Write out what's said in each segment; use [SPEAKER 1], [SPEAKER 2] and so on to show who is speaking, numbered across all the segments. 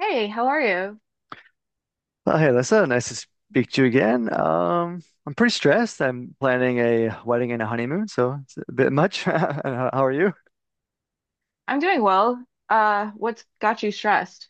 [SPEAKER 1] Hey, how are you?
[SPEAKER 2] Well, hey, Alyssa, nice to speak to you again. I'm pretty stressed. I'm planning a wedding and a honeymoon, so it's a bit much. And how are you?
[SPEAKER 1] I'm doing well. What's got you stressed?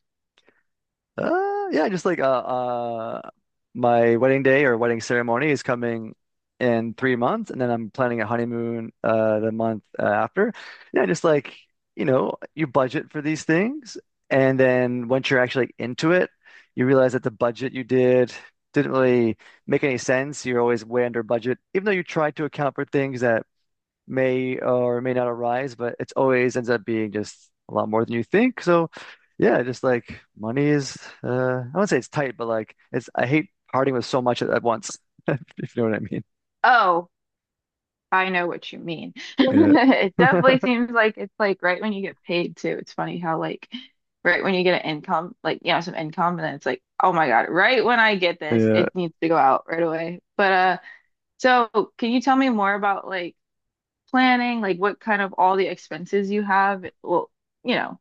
[SPEAKER 2] Yeah, just like My wedding day or wedding ceremony is coming in 3 months, and then I'm planning a honeymoon the month after. Yeah, just you budget for these things, and then once you're actually, like, into it, you realize that the budget you did didn't really make any sense. You're always way under budget, even though you tried to account for things that may or may not arise, but it's always ends up being just a lot more than you think. So yeah, just like money is I wouldn't say it's tight, but like it's I hate parting with so much at once, if you know what I mean.
[SPEAKER 1] Oh, I know what you mean.
[SPEAKER 2] Yeah.
[SPEAKER 1] It definitely seems like it's like right when you get paid too. It's funny how like right when you get an income, like some income, and then it's like, oh my God, right when I get this,
[SPEAKER 2] Yeah.
[SPEAKER 1] it needs to go out right away. But so can you tell me more about like planning, like what kind of all the expenses you have? Well, you know,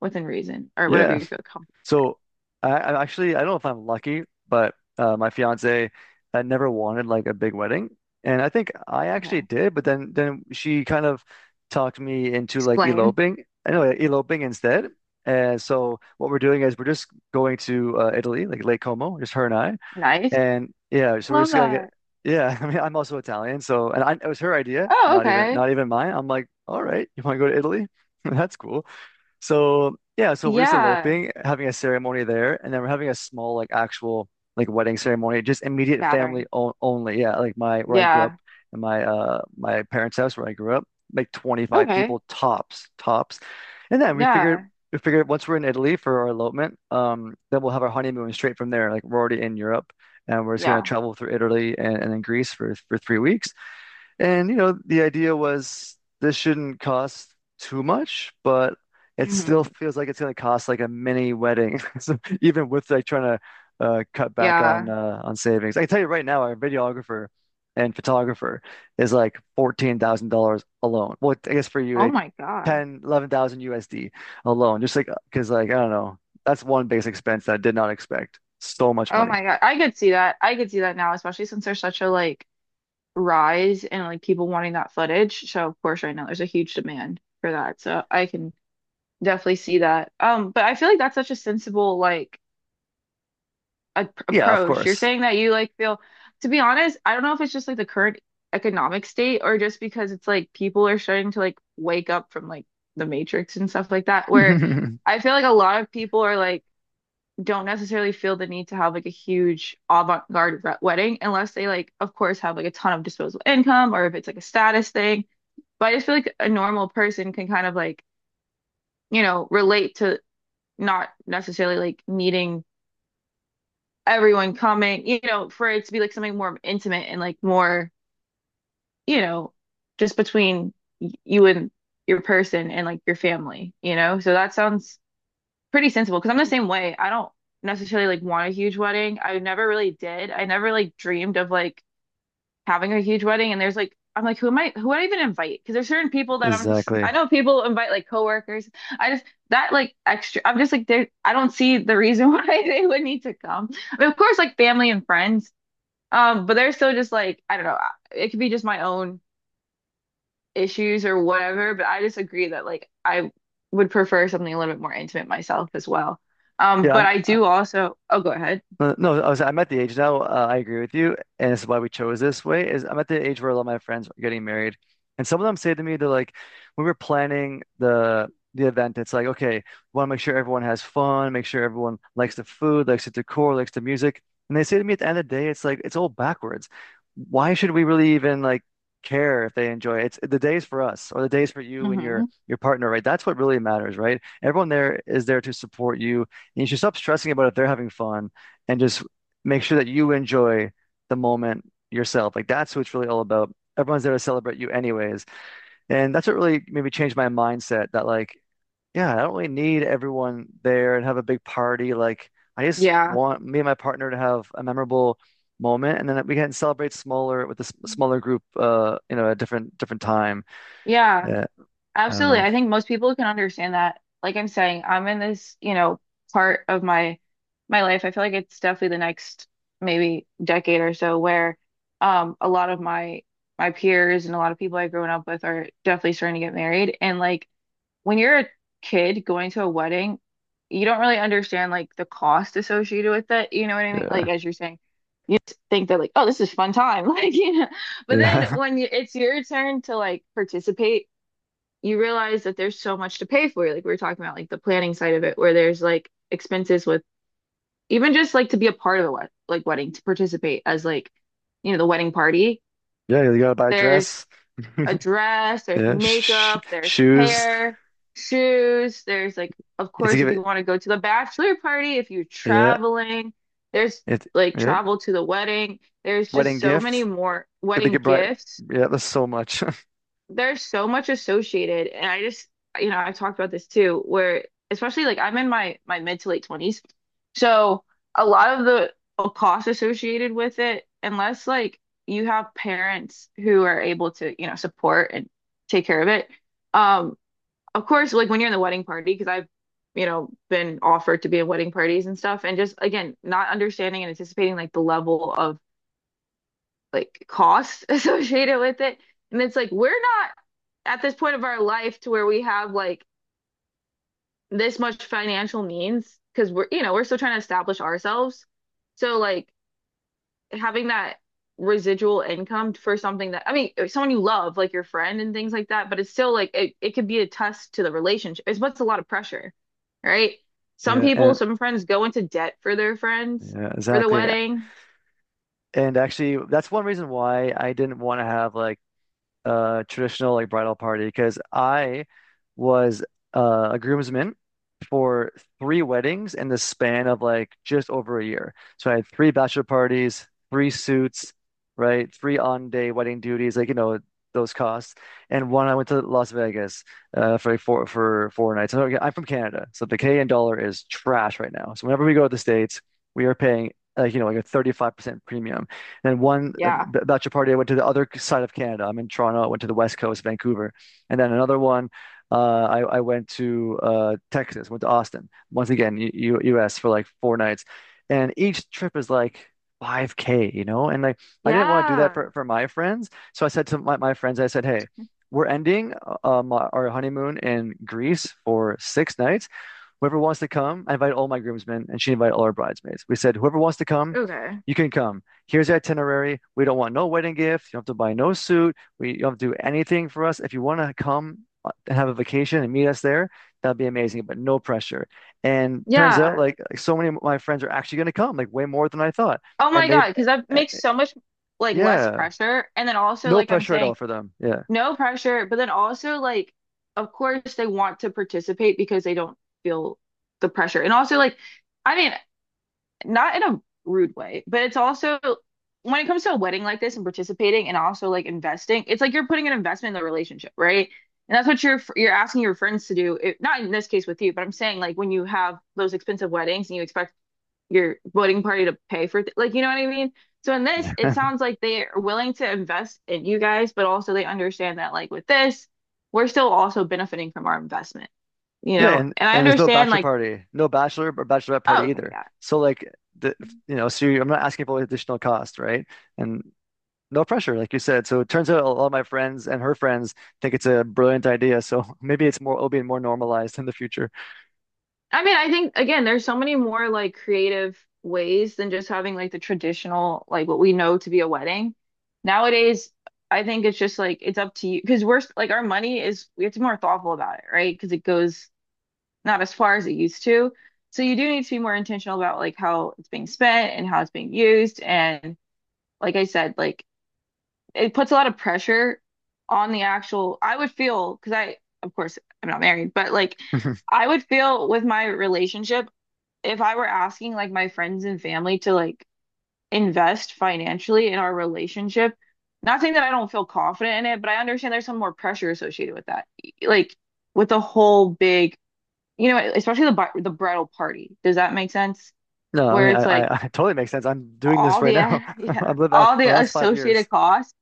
[SPEAKER 1] within reason or whatever
[SPEAKER 2] Yeah.
[SPEAKER 1] you feel comfortable.
[SPEAKER 2] So I actually I don't know if I'm lucky, but my fiance had never wanted like a big wedding, and I think I actually
[SPEAKER 1] Okay.
[SPEAKER 2] did. But then she kind of talked me into like
[SPEAKER 1] Explain.
[SPEAKER 2] eloping. Anyway, eloping instead. And so what we're doing is we're just going to Italy, like Lake Como, just her and I.
[SPEAKER 1] Nice.
[SPEAKER 2] And yeah, so we're
[SPEAKER 1] Love
[SPEAKER 2] just gonna get.
[SPEAKER 1] that.
[SPEAKER 2] Yeah, I mean I'm also Italian, so and I, it was her idea,
[SPEAKER 1] Oh, okay.
[SPEAKER 2] not even mine. I'm like, all right, you want to go to Italy? That's cool. So yeah, so we're just
[SPEAKER 1] Yeah.
[SPEAKER 2] eloping, having a ceremony there, and then we're having a small like actual like wedding ceremony, just immediate family
[SPEAKER 1] Gathering.
[SPEAKER 2] o only. Yeah, like my where I grew up
[SPEAKER 1] Yeah.
[SPEAKER 2] in my my parents' house where I grew up, like 25
[SPEAKER 1] Okay.
[SPEAKER 2] people tops, tops. And then
[SPEAKER 1] Yeah.
[SPEAKER 2] we figured once we're in Italy for our elopement, then we'll have our honeymoon straight from there. Like we're already in Europe and we're just gonna
[SPEAKER 1] Yeah.
[SPEAKER 2] travel through Italy and then Greece for 3 weeks. And you know, the idea was this shouldn't cost too much, but it
[SPEAKER 1] Hmm.
[SPEAKER 2] still feels like it's going to cost like a mini wedding. So even with like trying to cut back
[SPEAKER 1] Yeah.
[SPEAKER 2] on savings, I can tell you right now, our videographer and photographer is like $14,000 alone. Well, I guess for you,
[SPEAKER 1] Oh
[SPEAKER 2] like
[SPEAKER 1] my God.
[SPEAKER 2] 10, USD alone, just like because like I don't know, that's one base expense that I did not expect. So much
[SPEAKER 1] Oh
[SPEAKER 2] money.
[SPEAKER 1] my God. I could see that. I could see that now, especially since there's such a like rise in like people wanting that footage. So of course right now there's a huge demand for that. So I can definitely see that. But I feel like that's such a sensible like
[SPEAKER 2] Yeah, of
[SPEAKER 1] approach. You're
[SPEAKER 2] course.
[SPEAKER 1] saying that you like feel, to be honest, I don't know if it's just like the current economic state or just because it's like people are starting to like wake up from like the Matrix and stuff like that, where I feel like a lot of people are like don't necessarily feel the need to have like a huge avant-garde wedding unless they like, of course, have like a ton of disposable income or if it's like a status thing. But I just feel like a normal person can kind of like, relate to not necessarily like needing everyone coming, for it to be like something more intimate and like more, you know, just between you and your person and like your family, you know? So that sounds pretty sensible because I'm the same way. I don't necessarily like want a huge wedding. I never really did. I never like dreamed of like having a huge wedding. And there's like, I'm like, who am I, who would I even invite? Because there's certain people that I'm just, I
[SPEAKER 2] Exactly.
[SPEAKER 1] know people invite like coworkers. I just, that like extra, I'm just like, there, I don't see the reason why they would need to come. I mean, of course, like family and friends but they're still just like, I don't know, it could be just my own issues or whatever, but I just agree that like I would prefer something a little bit more intimate myself as well.
[SPEAKER 2] Yeah,
[SPEAKER 1] But
[SPEAKER 2] I'm.
[SPEAKER 1] I do also, oh, go ahead.
[SPEAKER 2] No, I'm at the age now. I agree with you, and this is why we chose this way. Is I'm at the age where a lot of my friends are getting married, and some of them say to me, they're like, when we were planning the event, it's like, okay, we want to make sure everyone has fun, make sure everyone likes the food, likes the decor, likes the music, and they say to me at the end of the day, it's like it's all backwards. Why should we really even like care if they enjoy it? It's the day's for us, or the day's for you and
[SPEAKER 1] Hmm.
[SPEAKER 2] your partner, right? That's what really matters, right? Everyone there is there to support you, and you should stop stressing about if they're having fun and just make sure that you enjoy the moment yourself. Like that's what it's really all about. Everyone's there to celebrate you anyways. And that's what really maybe changed my mindset that like, yeah, I don't really need everyone there and have a big party. Like I just
[SPEAKER 1] Yeah.
[SPEAKER 2] want me and my partner to have a memorable moment and then we can celebrate smaller with a smaller group a different time,
[SPEAKER 1] Yeah,
[SPEAKER 2] uh, I don't
[SPEAKER 1] absolutely.
[SPEAKER 2] know.
[SPEAKER 1] I think most people can understand that. Like I'm saying, I'm in this, part of my life. I feel like it's definitely the next maybe decade or so where a lot of my peers and a lot of people I've grown up with are definitely starting to get married. And like when you're a kid going to a wedding, you don't really understand like the cost associated with it. You know what I mean? Like
[SPEAKER 2] Yeah.
[SPEAKER 1] as you're saying, you just think that like, oh, this is fun time, like. But then
[SPEAKER 2] Yeah.
[SPEAKER 1] when you, it's your turn to like participate, you realize that there's so much to pay for. Like we were talking about, like the planning side of it, where there's like expenses with even just like to be a part of the wed like wedding to participate as like the wedding party.
[SPEAKER 2] Yeah, you gotta buy a
[SPEAKER 1] There's
[SPEAKER 2] dress.
[SPEAKER 1] a dress, there's
[SPEAKER 2] Yeah,
[SPEAKER 1] makeup, there's
[SPEAKER 2] shoes.
[SPEAKER 1] hair, shoes, there's like, of
[SPEAKER 2] You have to
[SPEAKER 1] course,
[SPEAKER 2] give
[SPEAKER 1] if
[SPEAKER 2] it.
[SPEAKER 1] you want to go to the bachelor party, if you're
[SPEAKER 2] Yeah.
[SPEAKER 1] traveling, there's
[SPEAKER 2] It,
[SPEAKER 1] like
[SPEAKER 2] yep.
[SPEAKER 1] travel to the wedding. There's
[SPEAKER 2] Wedding
[SPEAKER 1] just so many
[SPEAKER 2] gifts.
[SPEAKER 1] more
[SPEAKER 2] Did they
[SPEAKER 1] wedding
[SPEAKER 2] get bride?
[SPEAKER 1] gifts,
[SPEAKER 2] Yeah, there's so much.
[SPEAKER 1] there's so much associated, and I just, I talked about this too, where especially like I'm in my mid to late 20s, so a lot of the costs associated with it, unless like you have parents who are able to support and take care of it, um of course, like when you're in the wedding party, because I've been offered to be in wedding parties and stuff, and just again not understanding and anticipating like the level of like cost associated with it. And it's like we're not at this point of our life to where we have like this much financial means because we're still trying to establish ourselves. So like having that residual income for something that I mean, someone you love, like your friend and things like that, but it's still like it could be a test to the relationship. It's what's a lot of pressure, right? Some
[SPEAKER 2] Yeah,
[SPEAKER 1] people,
[SPEAKER 2] and
[SPEAKER 1] some friends go into debt for their friends
[SPEAKER 2] yeah,
[SPEAKER 1] for the
[SPEAKER 2] exactly.
[SPEAKER 1] wedding.
[SPEAKER 2] And actually, that's one reason why I didn't want to have like a traditional like bridal party because I was a groomsman for three weddings in the span of like just over a year. So I had three bachelor parties, three suits, right? Three on-day wedding duties, like, you know, those costs. And one, I went to Las Vegas for like four for four nights. So, okay, I'm from Canada, so the Canadian dollar is trash right now. So whenever we go to the States, we are paying like you know like a 35% premium. And one
[SPEAKER 1] Yeah.
[SPEAKER 2] bachelor party, I went to the other side of Canada. I'm in Toronto. I went to the West Coast, Vancouver, and then another one I went to Texas, went to Austin, once again, US for like 4 nights. And each trip is like 5K, you know? And like, I didn't want to do that
[SPEAKER 1] Yeah.
[SPEAKER 2] for my friends. So I said to my friends, I said, hey, we're ending our honeymoon in Greece for 6 nights. Whoever wants to come, I invite all my groomsmen, and she invited all our bridesmaids. We said, whoever wants to come,
[SPEAKER 1] Okay.
[SPEAKER 2] you can come. Here's the itinerary. We don't want no wedding gift. You don't have to buy no suit. We You don't have to do anything for us. If you want to come and have a vacation and meet us there, that'd be amazing, but no pressure. And turns out,
[SPEAKER 1] Yeah.
[SPEAKER 2] like, so many of my friends are actually going to come, like way more than I thought.
[SPEAKER 1] Oh
[SPEAKER 2] And
[SPEAKER 1] my
[SPEAKER 2] they,
[SPEAKER 1] God, because that
[SPEAKER 2] uh,
[SPEAKER 1] makes so much like less
[SPEAKER 2] yeah,
[SPEAKER 1] pressure. And then also,
[SPEAKER 2] no
[SPEAKER 1] like I'm
[SPEAKER 2] pressure at all
[SPEAKER 1] saying,
[SPEAKER 2] for them. Yeah.
[SPEAKER 1] no pressure, but then also like of course they want to participate because they don't feel the pressure. And also like I mean, not in a rude way, but it's also when it comes to a wedding like this and participating and also like investing, it's like you're putting an investment in the relationship, right? And that's what you're asking your friends to do. It, not in this case with you, but I'm saying like when you have those expensive weddings and you expect your voting party to pay for th like you know what I mean? So in this, it sounds like they are willing to invest in you guys, but also they understand that like with this, we're still also benefiting from our investment, you
[SPEAKER 2] Yeah,
[SPEAKER 1] know?
[SPEAKER 2] and
[SPEAKER 1] And I
[SPEAKER 2] and there's no
[SPEAKER 1] understand
[SPEAKER 2] bachelor
[SPEAKER 1] like,
[SPEAKER 2] party, no bachelor or bachelorette
[SPEAKER 1] oh,
[SPEAKER 2] party
[SPEAKER 1] okay,
[SPEAKER 2] either.
[SPEAKER 1] yeah.
[SPEAKER 2] So like the you know, so you, I'm not asking for additional cost, right? And no pressure, like you said. So it turns out a lot of my friends and her friends think it's a brilliant idea. So maybe it's more, it'll be more normalized in the future.
[SPEAKER 1] I mean, I think again, there's so many more like creative ways than just having like the traditional like what we know to be a wedding. Nowadays, I think it's just like it's up to you because we're like our money is we have to be more thoughtful about it, right? Because it goes not as far as it used to. So you do need to be more intentional about like how it's being spent and how it's being used. And like I said, like it puts a lot of pressure on the actual, I would feel, because I, of course, I'm not married, but like I would feel with my relationship, if I were asking like my friends and family to like invest financially in our relationship, not saying that I don't feel confident in it, but I understand there's some more pressure associated with that. Like with the whole big especially the bar the bridal party. Does that make sense?
[SPEAKER 2] No, I
[SPEAKER 1] Where
[SPEAKER 2] mean,
[SPEAKER 1] it's like
[SPEAKER 2] I totally makes sense. I'm doing this
[SPEAKER 1] all
[SPEAKER 2] right
[SPEAKER 1] the
[SPEAKER 2] now.
[SPEAKER 1] yeah,
[SPEAKER 2] I've lived that
[SPEAKER 1] all
[SPEAKER 2] my
[SPEAKER 1] the
[SPEAKER 2] last 5 years.
[SPEAKER 1] associated costs.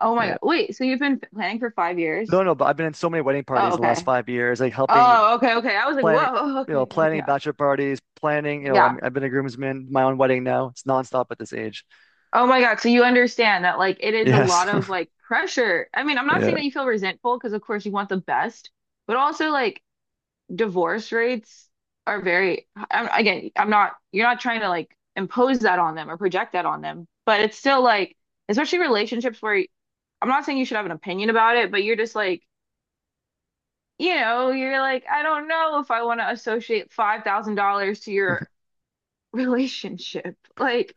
[SPEAKER 1] Oh my
[SPEAKER 2] Yeah.
[SPEAKER 1] God. Wait, so you've been planning for five
[SPEAKER 2] No,
[SPEAKER 1] years?
[SPEAKER 2] no, but I've been in so many wedding parties
[SPEAKER 1] Oh,
[SPEAKER 2] in the last
[SPEAKER 1] okay.
[SPEAKER 2] 5 years, like helping
[SPEAKER 1] Oh, okay, okay. I was like,
[SPEAKER 2] planning,
[SPEAKER 1] whoa,
[SPEAKER 2] you know,
[SPEAKER 1] okay.
[SPEAKER 2] planning
[SPEAKER 1] Yeah.
[SPEAKER 2] bachelor parties, planning, you know,
[SPEAKER 1] Yeah.
[SPEAKER 2] I've been a groomsman, my own wedding now. It's nonstop at this age.
[SPEAKER 1] Oh my God. So you understand that like it is a
[SPEAKER 2] Yes.
[SPEAKER 1] lot of like pressure. I mean, I'm not saying
[SPEAKER 2] Yeah.
[SPEAKER 1] that you feel resentful because of course you want the best, but also like divorce rates are very, I'm, again, I'm not, you're not trying to like impose that on them or project that on them, but it's still like, especially relationships where I'm not saying you should have an opinion about it, but you're just like, you're like, I don't know if I want to associate $5,000 to your relationship. Like,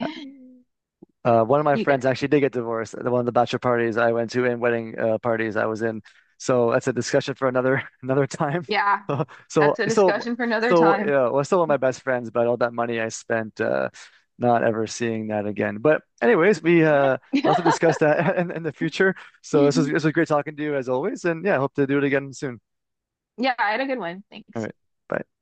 [SPEAKER 2] One of my
[SPEAKER 1] you get
[SPEAKER 2] friends
[SPEAKER 1] it.
[SPEAKER 2] actually did get divorced at one of the bachelor parties I went to and wedding parties I was in. So that's a discussion for another another time.
[SPEAKER 1] Yeah,
[SPEAKER 2] So so
[SPEAKER 1] that's a
[SPEAKER 2] so
[SPEAKER 1] discussion for another
[SPEAKER 2] so
[SPEAKER 1] time.
[SPEAKER 2] yeah, well, still one of my best friends, but all that money I spent not ever seeing that again. But anyways, we lots to discuss that in the future. So this was great talking to you as always, and yeah, hope to do it again soon.
[SPEAKER 1] Yeah, I had a good one.
[SPEAKER 2] All
[SPEAKER 1] Thanks.
[SPEAKER 2] right, bye.